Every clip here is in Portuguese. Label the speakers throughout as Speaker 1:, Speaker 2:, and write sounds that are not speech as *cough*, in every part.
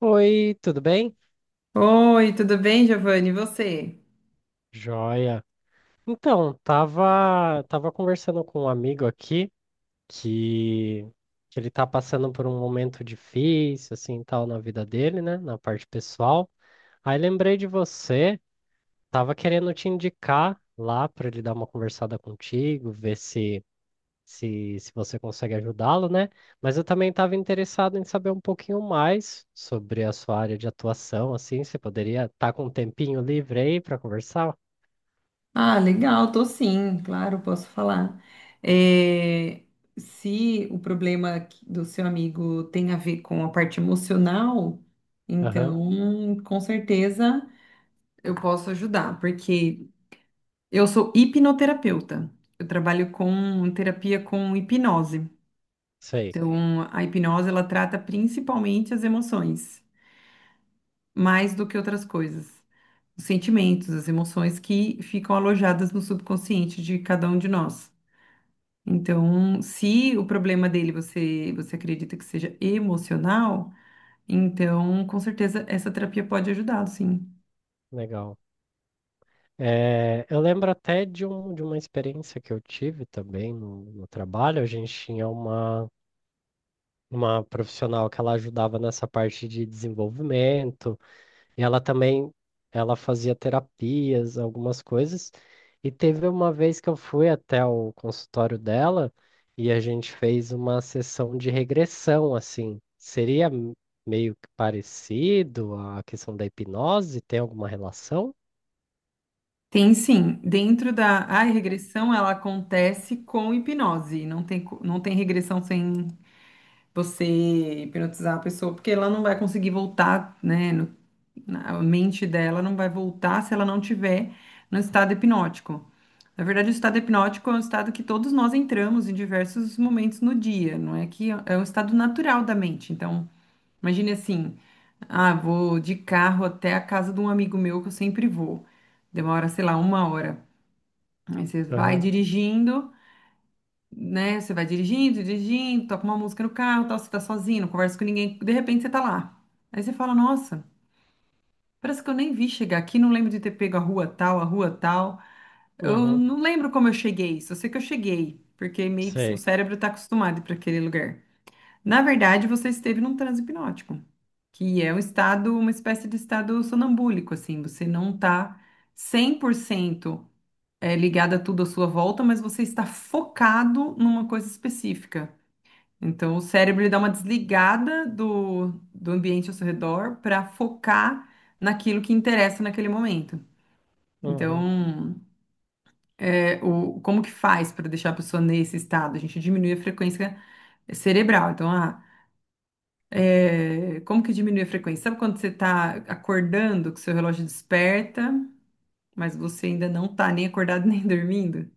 Speaker 1: Oi, tudo bem?
Speaker 2: Oi, tudo bem, Giovanni? E você?
Speaker 1: Joia. Então, tava conversando com um amigo aqui que, que ele tá passando por um momento difícil, assim, tal, na vida dele, né? Na parte pessoal. Aí lembrei de você, tava querendo te indicar lá para ele dar uma conversada contigo, ver se você consegue ajudá-lo, né? Mas eu também estava interessado em saber um pouquinho mais sobre a sua área de atuação, assim, você poderia estar com um tempinho livre aí para conversar?
Speaker 2: Ah, legal, tô sim, claro, posso falar. É, se o problema do seu amigo tem a ver com a parte emocional,
Speaker 1: Aham,
Speaker 2: então com certeza eu posso ajudar, porque eu sou hipnoterapeuta. Eu trabalho com terapia com hipnose.
Speaker 1: sei.
Speaker 2: Então, a hipnose ela trata principalmente as emoções, mais do que outras coisas. Os sentimentos, as emoções que ficam alojadas no subconsciente de cada um de nós. Então, se o problema dele você acredita que seja emocional, então com certeza essa terapia pode ajudá-lo, sim.
Speaker 1: Legal. É, eu lembro até de uma experiência que eu tive também no trabalho. A gente tinha uma profissional que ela ajudava nessa parte de desenvolvimento, e ela também ela fazia terapias, algumas coisas. E teve uma vez que eu fui até o consultório dela e a gente fez uma sessão de regressão, assim. Seria meio que parecido a questão da hipnose? Tem alguma relação?
Speaker 2: Tem sim, dentro da a regressão ela acontece com hipnose, não tem, não tem regressão sem você hipnotizar a pessoa, porque ela não vai conseguir voltar, né? A mente dela não vai voltar se ela não tiver no estado hipnótico. Na verdade, o estado hipnótico é um estado que todos nós entramos em diversos momentos no dia, não é que é um estado natural da mente. Então, imagine assim: ah, vou de carro até a casa de um amigo meu que eu sempre vou. Demora, sei lá, uma hora. Aí você vai
Speaker 1: Aham,
Speaker 2: dirigindo, né? Você vai dirigindo, dirigindo, toca uma música no carro, tal, você tá sozinho, não conversa com ninguém, de repente você tá lá. Aí você fala, nossa. Parece que eu nem vi chegar aqui, não lembro de ter pego a rua tal, a rua tal. Eu
Speaker 1: uhum,
Speaker 2: não lembro como eu cheguei, só sei que eu cheguei, porque meio que o
Speaker 1: sei.
Speaker 2: cérebro está acostumado para aquele lugar. Na verdade, você esteve num transe hipnótico, que é um estado, uma espécie de estado sonambúlico, assim, você não está 100% ligado a tudo à sua volta, mas você está focado numa coisa específica. Então, o cérebro ele dá uma desligada do ambiente ao seu redor para focar naquilo que interessa naquele momento.
Speaker 1: Uhum,
Speaker 2: Então, como que faz para deixar a pessoa nesse estado? A gente diminui a frequência cerebral. Então, como que diminui a frequência? Sabe quando você está acordando, que seu relógio desperta, mas você ainda não está nem acordado *laughs* nem dormindo?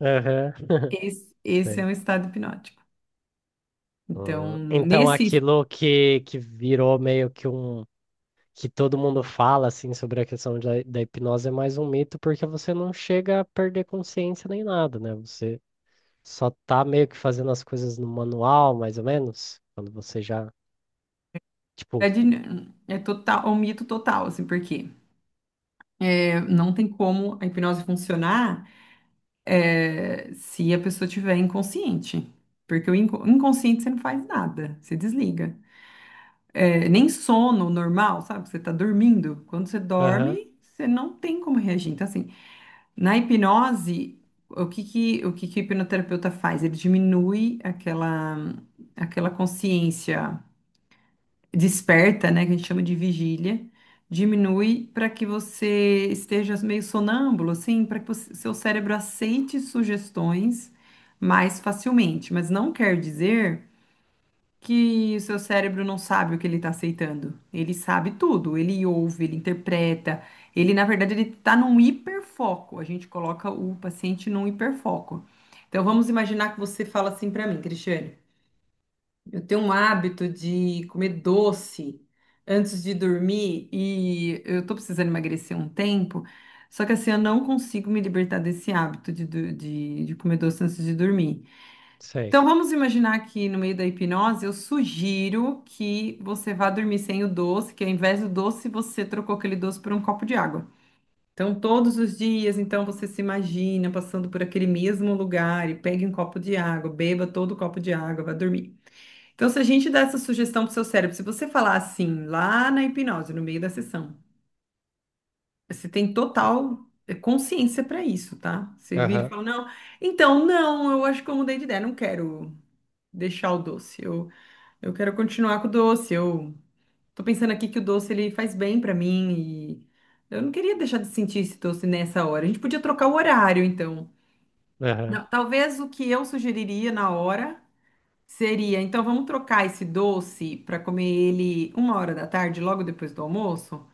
Speaker 1: aham, *laughs*
Speaker 2: Esse é
Speaker 1: sei.
Speaker 2: um estado hipnótico. Então,
Speaker 1: Então, aquilo que virou meio que um. Que todo mundo fala, assim, sobre a questão da hipnose é mais um mito, porque você não chega a perder consciência nem nada, né? Você só tá meio que fazendo as coisas no manual, mais ou menos, quando você já.
Speaker 2: é,
Speaker 1: Tipo,
Speaker 2: de- é total, é um mito total, assim, porque não tem como a hipnose funcionar, se a pessoa tiver inconsciente, porque o inconsciente você não faz nada, você desliga. Nem sono normal, sabe? Você tá dormindo. Quando você
Speaker 1: aham,
Speaker 2: dorme, você não tem como reagir. Então, assim, na hipnose, o que que o hipnoterapeuta faz? Ele diminui aquela consciência desperta, né, que a gente chama de vigília, diminui para que você esteja meio sonâmbulo, assim, para que seu cérebro aceite sugestões mais facilmente. Mas não quer dizer que o seu cérebro não sabe o que ele está aceitando. Ele sabe tudo, ele ouve, ele interpreta. Ele, na verdade, ele está num hiperfoco. A gente coloca o paciente num hiperfoco. Então, vamos imaginar que você fala assim para mim, Cristiane. Eu tenho um hábito de comer doce antes de dormir e eu tô precisando emagrecer um tempo, só que assim eu não consigo me libertar desse hábito de comer doce antes de dormir.
Speaker 1: sei.
Speaker 2: Então vamos imaginar que no meio da hipnose eu sugiro que você vá dormir sem o doce, que ao invés do doce você trocou aquele doce por um copo de água. Então todos os dias, então você se imagina passando por aquele mesmo lugar e pegue um copo de água, beba todo o copo de água, vá dormir. Então, se a gente dá essa sugestão pro seu cérebro, se você falar assim, lá na hipnose, no meio da sessão, você tem total consciência para isso, tá? Você vira e
Speaker 1: Aham,
Speaker 2: fala, não, então, não, eu acho que eu mudei de ideia, não quero deixar o doce, eu quero continuar com o doce, eu tô pensando aqui que o doce, ele faz bem para mim e eu não queria deixar de sentir esse doce nessa hora. A gente podia trocar o horário, então.
Speaker 1: aham,
Speaker 2: Não, talvez o que eu sugeriria na hora seria: então vamos trocar esse doce para comer ele uma hora da tarde, logo depois do almoço.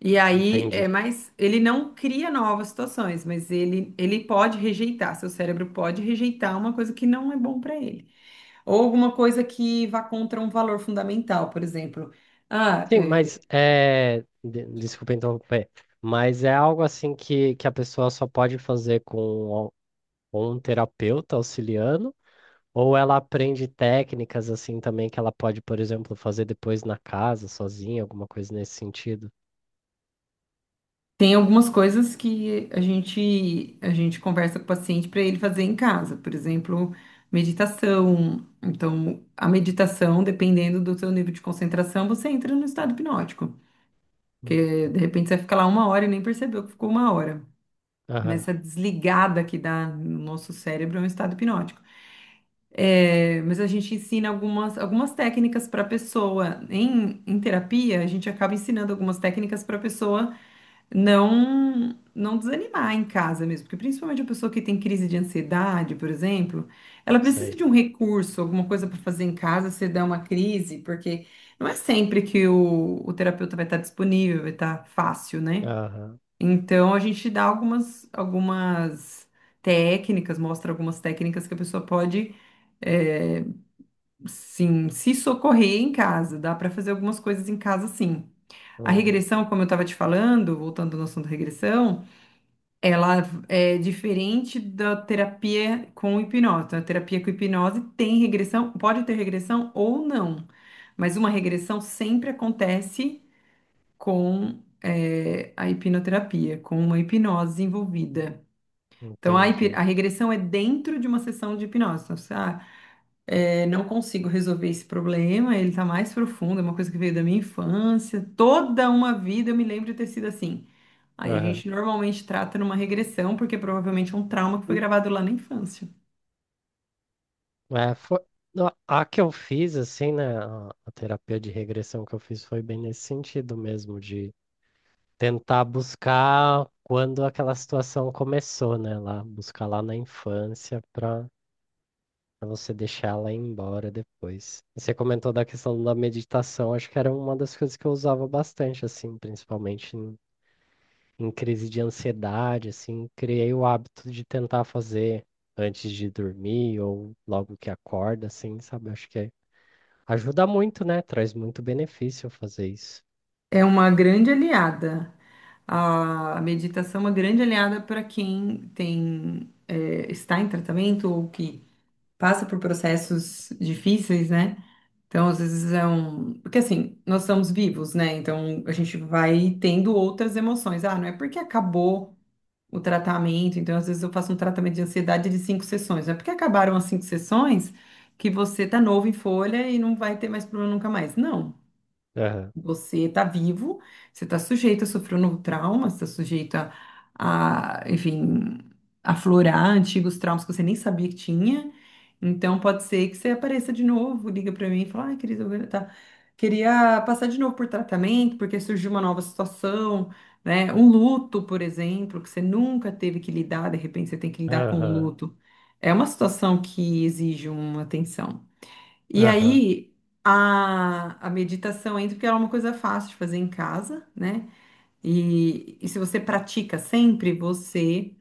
Speaker 2: E aí, é,
Speaker 1: entendi.
Speaker 2: mas ele não cria novas situações, mas ele pode rejeitar, seu cérebro pode rejeitar uma coisa que não é bom para ele. Ou alguma coisa que vá contra um valor fundamental, por exemplo. Ah,
Speaker 1: Sim, mas
Speaker 2: é,
Speaker 1: é. Desculpa interromper. Mas é algo assim que a pessoa só pode fazer com o- um terapeuta auxiliando, ou ela aprende técnicas assim também que ela pode, por exemplo, fazer depois na casa, sozinha, alguma coisa nesse sentido?
Speaker 2: Tem algumas coisas que a gente conversa com o paciente para ele fazer em casa, por exemplo, meditação. Então, a meditação, dependendo do seu nível de concentração, você entra no estado hipnótico,
Speaker 1: Uhum.
Speaker 2: que de repente você fica lá uma hora e nem percebeu que ficou uma hora.
Speaker 1: Aham,
Speaker 2: Nessa desligada que dá no nosso cérebro é um estado hipnótico. É, mas a gente ensina algumas técnicas para a pessoa. Em terapia, a gente acaba ensinando algumas técnicas para a pessoa não desanimar em casa mesmo, porque principalmente a pessoa que tem crise de ansiedade, por exemplo, ela precisa
Speaker 1: sei.
Speaker 2: de um recurso, alguma coisa para fazer em casa se der uma crise, porque não é sempre que o terapeuta vai estar disponível, vai estar fácil, né?
Speaker 1: Aham,
Speaker 2: Então a gente dá algumas técnicas, mostra algumas técnicas que a pessoa pode é, sim, se socorrer em casa, dá para fazer algumas coisas em casa, sim. A
Speaker 1: uhum,
Speaker 2: regressão, como eu estava te falando, voltando ao assunto da regressão, ela é diferente da terapia com hipnose. A terapia com hipnose tem regressão, pode ter regressão ou não, mas uma regressão sempre acontece com a hipnoterapia, com uma hipnose envolvida. Então,
Speaker 1: entendi.
Speaker 2: a regressão é dentro de uma sessão de hipnose. Então, você, não consigo resolver esse problema, ele está mais profundo, é uma coisa que veio da minha infância. Toda uma vida eu me lembro de ter sido assim. Aí a
Speaker 1: Aham.
Speaker 2: gente normalmente trata numa regressão, porque provavelmente é um trauma que foi gravado lá na infância.
Speaker 1: É, foi... A que eu fiz, assim, né? A terapia de regressão que eu fiz foi bem nesse sentido mesmo, de. Tentar buscar quando aquela situação começou, né? Lá, buscar lá na infância para você deixar ela ir embora depois. E você comentou da questão da meditação, acho que era uma das coisas que eu usava bastante, assim, principalmente em crise de ansiedade, assim, criei o hábito de tentar fazer antes de dormir ou logo que acorda, assim, sabe? Acho que ajuda muito, né? Traz muito benefício fazer isso.
Speaker 2: É uma grande aliada. A meditação é uma grande aliada para quem está em tratamento ou que passa por processos difíceis, né? Então, às vezes é um. Porque assim, nós estamos vivos, né? Então a gente vai tendo outras emoções. Ah, não é porque acabou o tratamento. Então, às vezes eu faço um tratamento de ansiedade de cinco sessões. Não é porque acabaram as cinco sessões que você tá novo em folha e não vai ter mais problema nunca mais. Não.
Speaker 1: Aham,
Speaker 2: Você está vivo, você está sujeito a sofrer um novo trauma, você está sujeito enfim, aflorar antigos traumas que você nem sabia que tinha. Então, pode ser que você apareça de novo, liga para mim e fala, ai, querida, queria passar de novo por tratamento, porque surgiu uma nova situação, né? Um luto, por exemplo, que você nunca teve que lidar, de repente você tem que lidar com um
Speaker 1: aham,
Speaker 2: luto. É uma situação que exige uma atenção. E
Speaker 1: aham.
Speaker 2: aí a meditação entra porque ela é uma coisa fácil de fazer em casa, né? E se você pratica sempre, você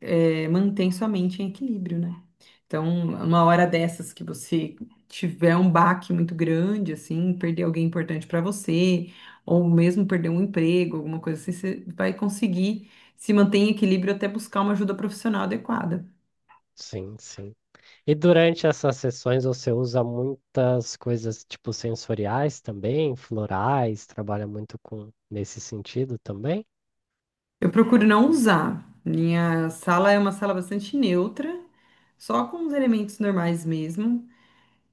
Speaker 2: mantém sua mente em equilíbrio, né? Então, uma hora dessas que você tiver um baque muito grande, assim, perder alguém importante para você, ou mesmo perder um emprego, alguma coisa assim, você vai conseguir se manter em equilíbrio até buscar uma ajuda profissional adequada.
Speaker 1: Sim, sim. E durante essas sessões você usa muitas coisas tipo sensoriais também, florais, trabalha muito com nesse sentido também?
Speaker 2: Eu procuro não usar. Minha sala é uma sala bastante neutra, só com os elementos normais mesmo.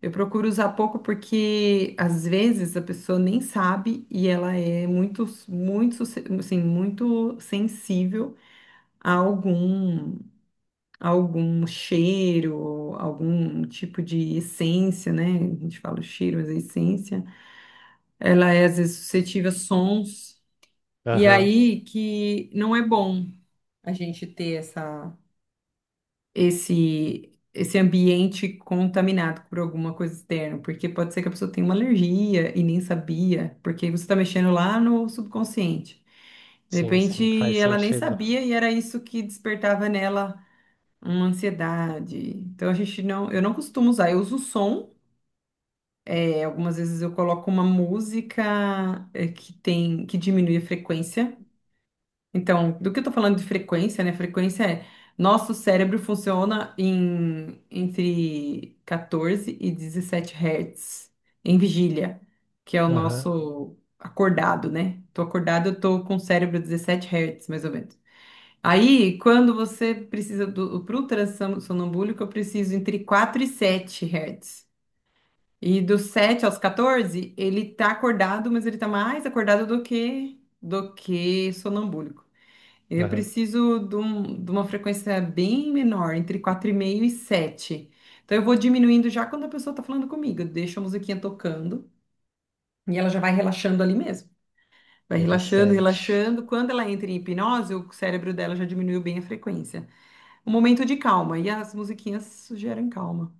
Speaker 2: Eu procuro usar pouco porque às vezes a pessoa nem sabe e ela é assim, muito sensível a a algum cheiro, algum tipo de essência, né? A gente fala o cheiro, mas é essência. Ela é às vezes suscetível a sons e
Speaker 1: Aham,
Speaker 2: aí que não é bom a gente ter essa esse esse ambiente contaminado por alguma coisa externa, porque pode ser que a pessoa tenha uma alergia e nem sabia, porque você está mexendo lá no subconsciente. De
Speaker 1: sim, sim,
Speaker 2: repente,
Speaker 1: faz
Speaker 2: ela nem
Speaker 1: sentido.
Speaker 2: sabia e era isso que despertava nela uma ansiedade. Então a gente não, eu não costumo usar, eu uso o som. Algumas vezes eu coloco uma música que tem que diminui a frequência. Então, do que eu tô falando de frequência, né? Frequência é nosso cérebro funciona em entre 14 e 17 hertz em vigília, que é o
Speaker 1: Aham,
Speaker 2: nosso acordado, né? Tô acordado, eu tô com o cérebro 17 hertz, mais ou menos. Aí, quando você precisa do sonambúlico, eu preciso entre 4 e 7 hertz. E dos 7 aos 14, ele tá acordado, mas ele tá mais acordado do que sonambúlico. Eu
Speaker 1: aham,
Speaker 2: preciso de uma frequência bem menor, entre 4,5 e 7. Então eu vou diminuindo já quando a pessoa está falando comigo. Eu deixo a musiquinha tocando e ela já vai relaxando ali mesmo. Vai relaxando,
Speaker 1: interessante.
Speaker 2: relaxando. Quando ela entra em hipnose, o cérebro dela já diminuiu bem a frequência. Um momento de calma. E as musiquinhas geram calma.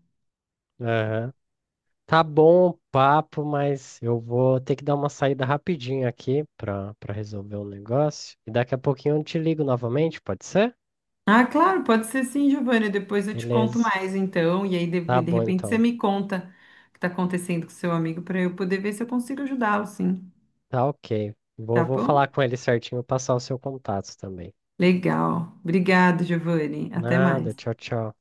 Speaker 1: Aham. Tá bom o papo, mas eu vou ter que dar uma saída rapidinho aqui para resolver um negócio. E daqui a pouquinho eu te ligo novamente, pode ser?
Speaker 2: Ah, claro, pode ser sim, Giovana. Depois eu te conto
Speaker 1: Beleza.
Speaker 2: mais, então. E aí,
Speaker 1: Tá
Speaker 2: de
Speaker 1: bom
Speaker 2: repente, você
Speaker 1: então.
Speaker 2: me conta o que está acontecendo com seu amigo para eu poder ver se eu consigo ajudá-lo, sim.
Speaker 1: Tá ok. Vou,
Speaker 2: Tá
Speaker 1: vou
Speaker 2: bom?
Speaker 1: falar com ele certinho, passar o seu contato também.
Speaker 2: Legal. Obrigado, Giovanni. Até
Speaker 1: Nada,
Speaker 2: mais.
Speaker 1: tchau, tchau.